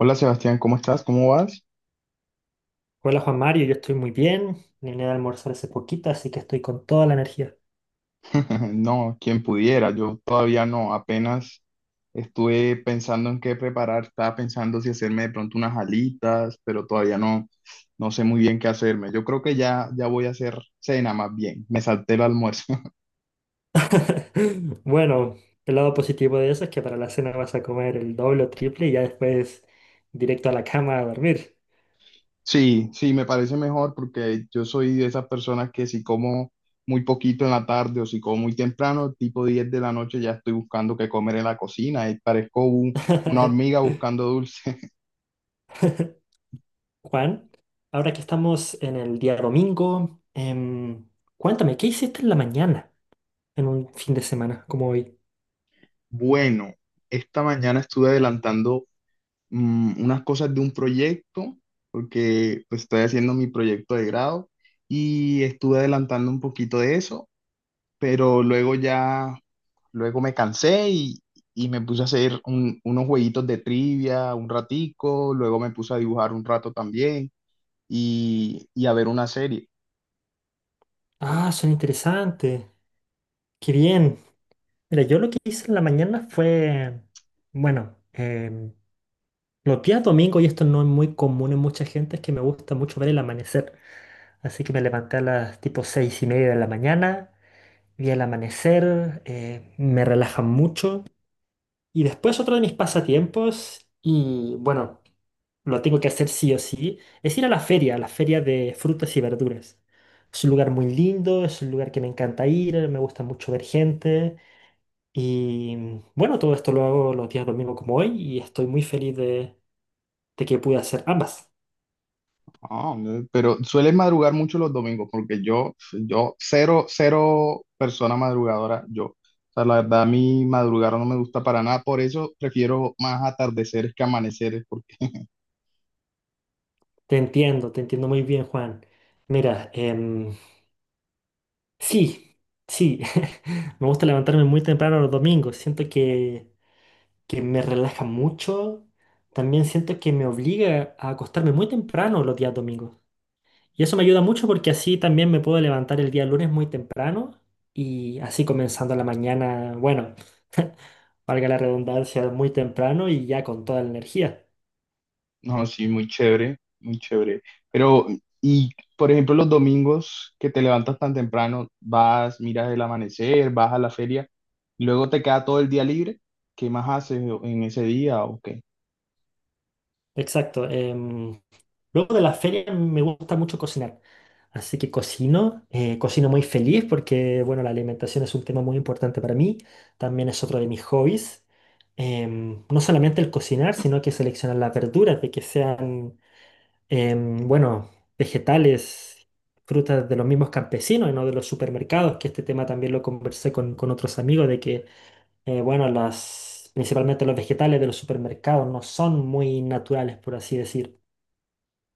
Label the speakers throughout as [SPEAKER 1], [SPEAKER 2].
[SPEAKER 1] Hola Sebastián, ¿cómo estás? ¿Cómo vas?
[SPEAKER 2] Hola Juan Mario, yo estoy muy bien. Vine a almorzar hace poquito, así que estoy con toda la energía.
[SPEAKER 1] No, quien pudiera, yo todavía no, apenas estuve pensando en qué preparar, estaba pensando si hacerme de pronto unas alitas, pero todavía no, no sé muy bien qué hacerme. Yo creo que ya voy a hacer cena más bien, me salté el almuerzo.
[SPEAKER 2] Bueno, el lado positivo de eso es que para la cena vas a comer el doble o triple y ya después directo a la cama a dormir.
[SPEAKER 1] Sí, sí, me parece mejor porque yo soy de esas personas que si como muy poquito en la tarde o si como muy temprano, tipo 10 de la noche, ya estoy buscando qué comer en la cocina y parezco una hormiga buscando dulce.
[SPEAKER 2] Juan, ahora que estamos en el día domingo, cuéntame, ¿qué hiciste en la mañana en un fin de semana como hoy?
[SPEAKER 1] Bueno, esta mañana estuve adelantando unas cosas de un proyecto, porque pues, estoy haciendo mi proyecto de grado y estuve adelantando un poquito de eso, pero luego me cansé y me puse a hacer unos jueguitos de trivia un ratico, luego me puse a dibujar un rato también y a ver una serie.
[SPEAKER 2] Ah, suena interesante. Qué bien. Mira, yo lo que hice en la mañana fue, bueno, los días domingos, y esto no es muy común en mucha gente, es que me gusta mucho ver el amanecer. Así que me levanté a las tipo seis y media de la mañana, vi el amanecer, me relaja mucho. Y después otro de mis pasatiempos, y bueno, lo tengo que hacer sí o sí, es ir a la feria de frutas y verduras. Es un lugar muy lindo, es un lugar que me encanta ir, me gusta mucho ver gente. Y bueno, todo esto lo hago los días domingos como hoy y estoy muy feliz de que pude hacer ambas.
[SPEAKER 1] Ah, hombre, pero sueles madrugar mucho los domingos, porque cero, cero persona madrugadora, yo. O sea, la verdad, a mí madrugar no me gusta para nada, por eso prefiero más atardeceres que amaneceres, porque
[SPEAKER 2] Te entiendo muy bien, Juan. Mira, sí, sí, me gusta levantarme muy temprano los domingos. Que me relaja mucho. También siento que me obliga a acostarme muy temprano los días domingos. Y eso me ayuda mucho porque así también me puedo levantar el día lunes muy temprano y así comenzando la mañana, bueno, valga la redundancia, muy temprano y ya con toda la energía.
[SPEAKER 1] no, sí, muy chévere, muy chévere. Pero, y, por ejemplo, los domingos que te levantas tan temprano, vas, miras el amanecer, vas a la feria, luego te queda todo el día libre, ¿qué más haces en ese día o qué?
[SPEAKER 2] Exacto. Luego de las ferias me gusta mucho cocinar. Así que cocino, cocino muy feliz porque, bueno, la alimentación es un tema muy importante para mí. También es otro de mis hobbies. No solamente el cocinar, sino que seleccionar las verduras, de que sean, bueno, vegetales, frutas de los mismos campesinos y no de los supermercados, que este tema también lo conversé con otros amigos, de que bueno, principalmente los vegetales de los supermercados no son muy naturales, por así decir.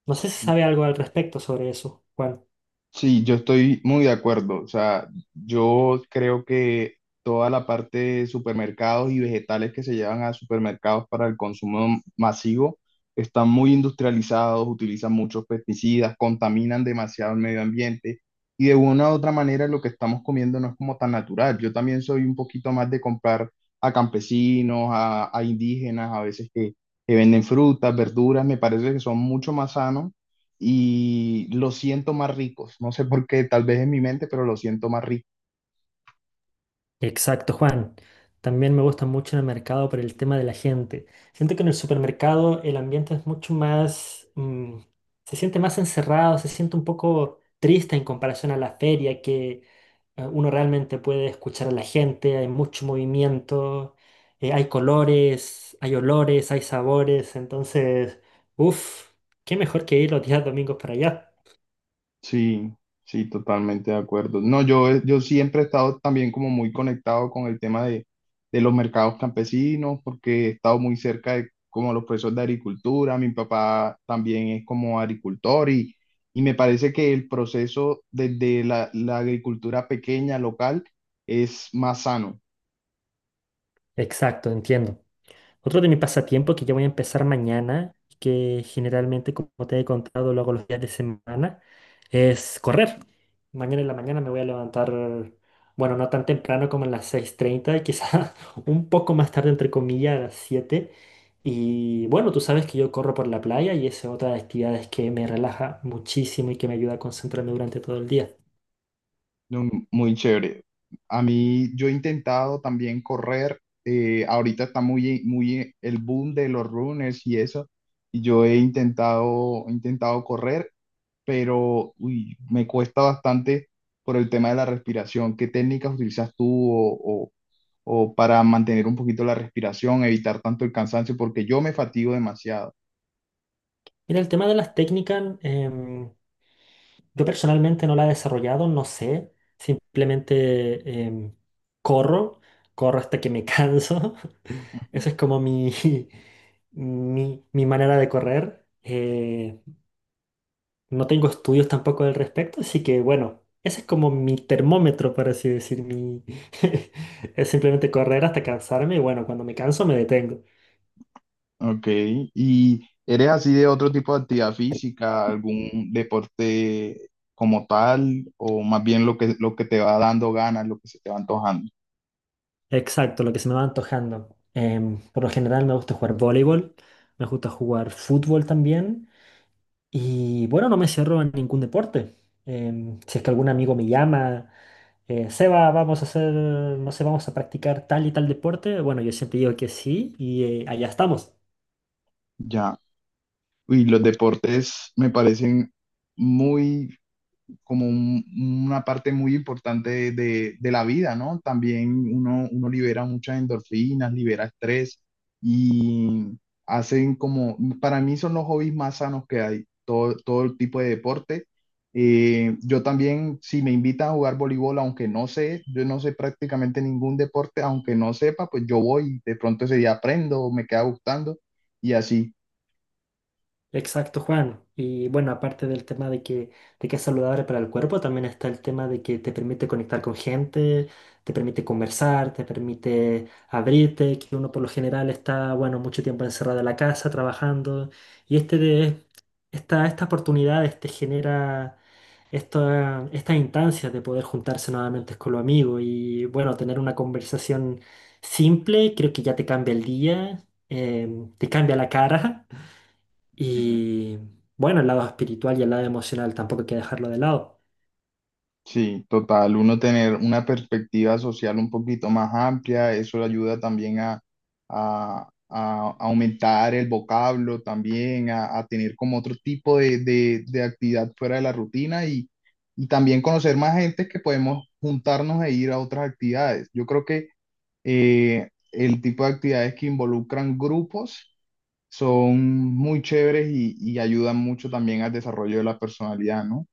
[SPEAKER 2] No sé si sabe algo al respecto sobre eso, Juan.
[SPEAKER 1] Sí, yo estoy muy de acuerdo. O sea, yo creo que toda la parte de supermercados y vegetales que se llevan a supermercados para el consumo masivo están muy industrializados, utilizan muchos pesticidas, contaminan demasiado el medio ambiente y de una u otra manera lo que estamos comiendo no es como tan natural. Yo también soy un poquito más de comprar a campesinos, a indígenas, a veces que venden frutas, verduras, me parece que son mucho más sanos y los siento más ricos. No sé por qué, tal vez en mi mente, pero los siento más ricos.
[SPEAKER 2] Exacto, Juan. También me gusta mucho en el mercado por el tema de la gente. Siento que en el supermercado el ambiente es mucho más, se siente más encerrado, se siente un poco triste en comparación a la feria, que uno realmente puede escuchar a la gente, hay mucho movimiento, hay colores, hay olores, hay sabores. Entonces, uff, qué mejor que ir los días domingos para allá.
[SPEAKER 1] Sí, sí, totalmente de acuerdo. No, yo siempre he estado también como muy conectado con el tema de los mercados campesinos, porque he estado muy cerca de como los procesos de agricultura. Mi papá también es como agricultor y me parece que el proceso desde la agricultura pequeña, local, es más sano.
[SPEAKER 2] Exacto, entiendo. Otro de mis pasatiempos que ya voy a empezar mañana, que generalmente, como te he contado, lo hago los días de semana, es correr. Mañana en la mañana me voy a levantar, bueno, no tan temprano como a las 6:30, quizás un poco más tarde, entre comillas, a las siete. Y bueno, tú sabes que yo corro por la playa y esa es otra de las actividades que me relaja muchísimo y que me ayuda a concentrarme durante todo el día.
[SPEAKER 1] No, muy chévere. A mí, yo he intentado también correr. Ahorita está muy el boom de los runners y eso. Y yo he intentado correr, pero uy, me cuesta bastante por el tema de la respiración. ¿Qué técnicas utilizas tú o, o o para mantener un poquito la respiración, evitar tanto el cansancio? Porque yo me fatigo demasiado.
[SPEAKER 2] Mira, el tema de las técnicas, yo personalmente no la he desarrollado, no sé. Simplemente corro, corro hasta que me canso. Esa es como mi, mi manera de correr. No tengo estudios tampoco al respecto, así que bueno, ese es como mi termómetro, por así decir. Mi... es simplemente correr hasta cansarme y bueno, cuando me canso me detengo.
[SPEAKER 1] Ok, ¿y eres así de otro tipo de actividad física, algún deporte como tal, o más bien lo lo que te va dando ganas, lo que se te va antojando?
[SPEAKER 2] Exacto, lo que se me va antojando. Por lo general me gusta jugar voleibol, me gusta jugar fútbol también. Y bueno, no me cierro en ningún deporte. Si es que algún amigo me llama, Seba, vamos a hacer, no sé, vamos a practicar tal y tal deporte. Bueno, yo siempre digo que sí y allá estamos.
[SPEAKER 1] Ya. Y los deportes me parecen muy como un, una parte muy importante de la vida, ¿no? También uno, uno libera muchas endorfinas, libera estrés y hacen como, para mí son los hobbies más sanos que hay, todo, todo el tipo de deporte. Yo también, si me invitan a jugar voleibol, aunque no sé, yo no sé prácticamente ningún deporte, aunque no sepa, pues yo voy, de pronto ese día aprendo, me queda gustando y así.
[SPEAKER 2] Exacto, Juan. Y bueno, aparte del tema de que es saludable para el cuerpo, también está el tema de que te permite conectar con gente, te permite conversar, te permite abrirte, que uno por lo general está, bueno, mucho tiempo encerrado en la casa trabajando. Y estas oportunidades te genera estas instancias de poder juntarse nuevamente con los amigos y bueno, tener una conversación simple, creo que ya te cambia el día, te cambia la cara. Y bueno, el lado espiritual y el lado emocional tampoco hay que dejarlo de lado.
[SPEAKER 1] Sí, total, uno tener una perspectiva social un poquito más amplia, eso le ayuda también a aumentar el vocablo, también a tener como otro tipo de actividad fuera de la rutina y también conocer más gente que podemos juntarnos e ir a otras actividades. Yo creo que el tipo de actividades que involucran grupos son muy chéveres y ayudan mucho también al desarrollo de la personalidad, ¿no?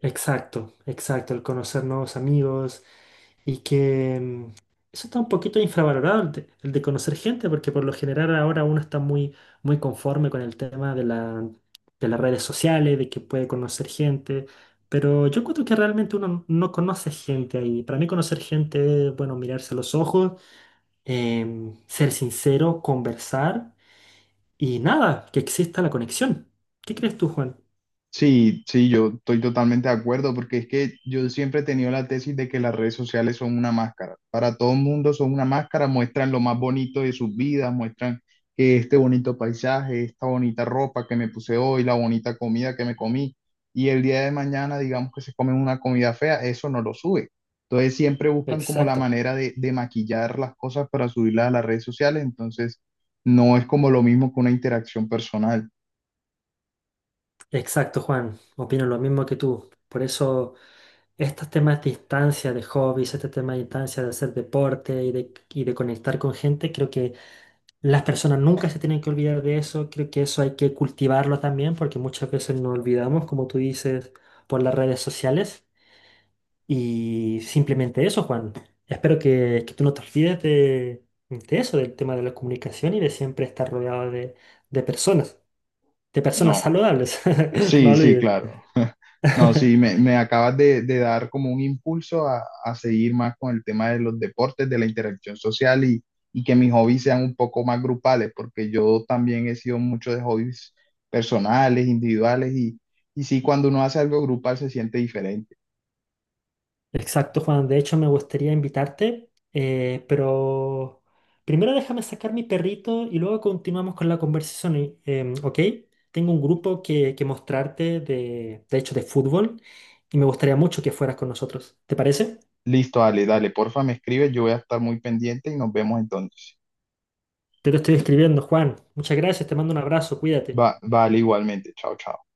[SPEAKER 2] Exacto, exacto, el conocer nuevos amigos y que eso está un poquito infravalorado, el de conocer gente, porque por lo general ahora uno está muy, muy conforme con el tema de las redes sociales, de que puede conocer gente, pero yo encuentro que realmente uno no conoce gente ahí. Para mí conocer gente es, bueno, mirarse a los ojos, ser sincero, conversar. Y nada, que exista la conexión. ¿Qué crees tú, Juan?
[SPEAKER 1] Sí, sí, yo estoy totalmente de acuerdo porque es que yo siempre he tenido la tesis de que las redes sociales son una máscara. Para todo el mundo son una máscara, muestran lo más bonito de sus vidas, muestran que este bonito paisaje, esta bonita ropa que me puse hoy, la bonita comida que me comí y el día de mañana digamos que se comen una comida fea, eso no lo sube. Entonces siempre buscan como la
[SPEAKER 2] Exacto,
[SPEAKER 1] manera de maquillar las cosas para subirlas a las redes sociales, entonces no es como lo mismo que una interacción personal.
[SPEAKER 2] exacto, Juan. Opino lo mismo que tú. Por eso estos temas de distancia, de hobbies, este tema de distancia, de hacer deporte y de conectar con gente, creo que las personas nunca se tienen que olvidar de eso. Creo que eso hay que cultivarlo también porque muchas veces nos olvidamos, como tú dices, por las redes sociales. Y simplemente eso, Juan. Espero que tú no te olvides de eso, del tema de la comunicación y de siempre estar rodeado de personas, de personas
[SPEAKER 1] No.
[SPEAKER 2] saludables. No
[SPEAKER 1] Sí, sí,
[SPEAKER 2] olvides.
[SPEAKER 1] claro. No, sí, me acabas de dar como un impulso a seguir más con el tema de los deportes, de la interacción social y que mis hobbies sean un poco más grupales, porque yo también he sido mucho de hobbies personales, individuales y sí, cuando uno hace algo grupal se siente diferente.
[SPEAKER 2] Exacto, Juan. De hecho, me gustaría invitarte, pero primero déjame sacar mi perrito y luego continuamos con la conversación, ¿ok? Tengo un grupo que mostrarte, de hecho, de fútbol y me gustaría mucho que fueras con nosotros. ¿Te parece?
[SPEAKER 1] Listo, dale, dale, porfa, me escribes, yo voy a estar muy pendiente y nos vemos entonces.
[SPEAKER 2] Te lo estoy escribiendo, Juan. Muchas gracias, te mando un abrazo, cuídate.
[SPEAKER 1] Va, vale, igualmente, chao, chao.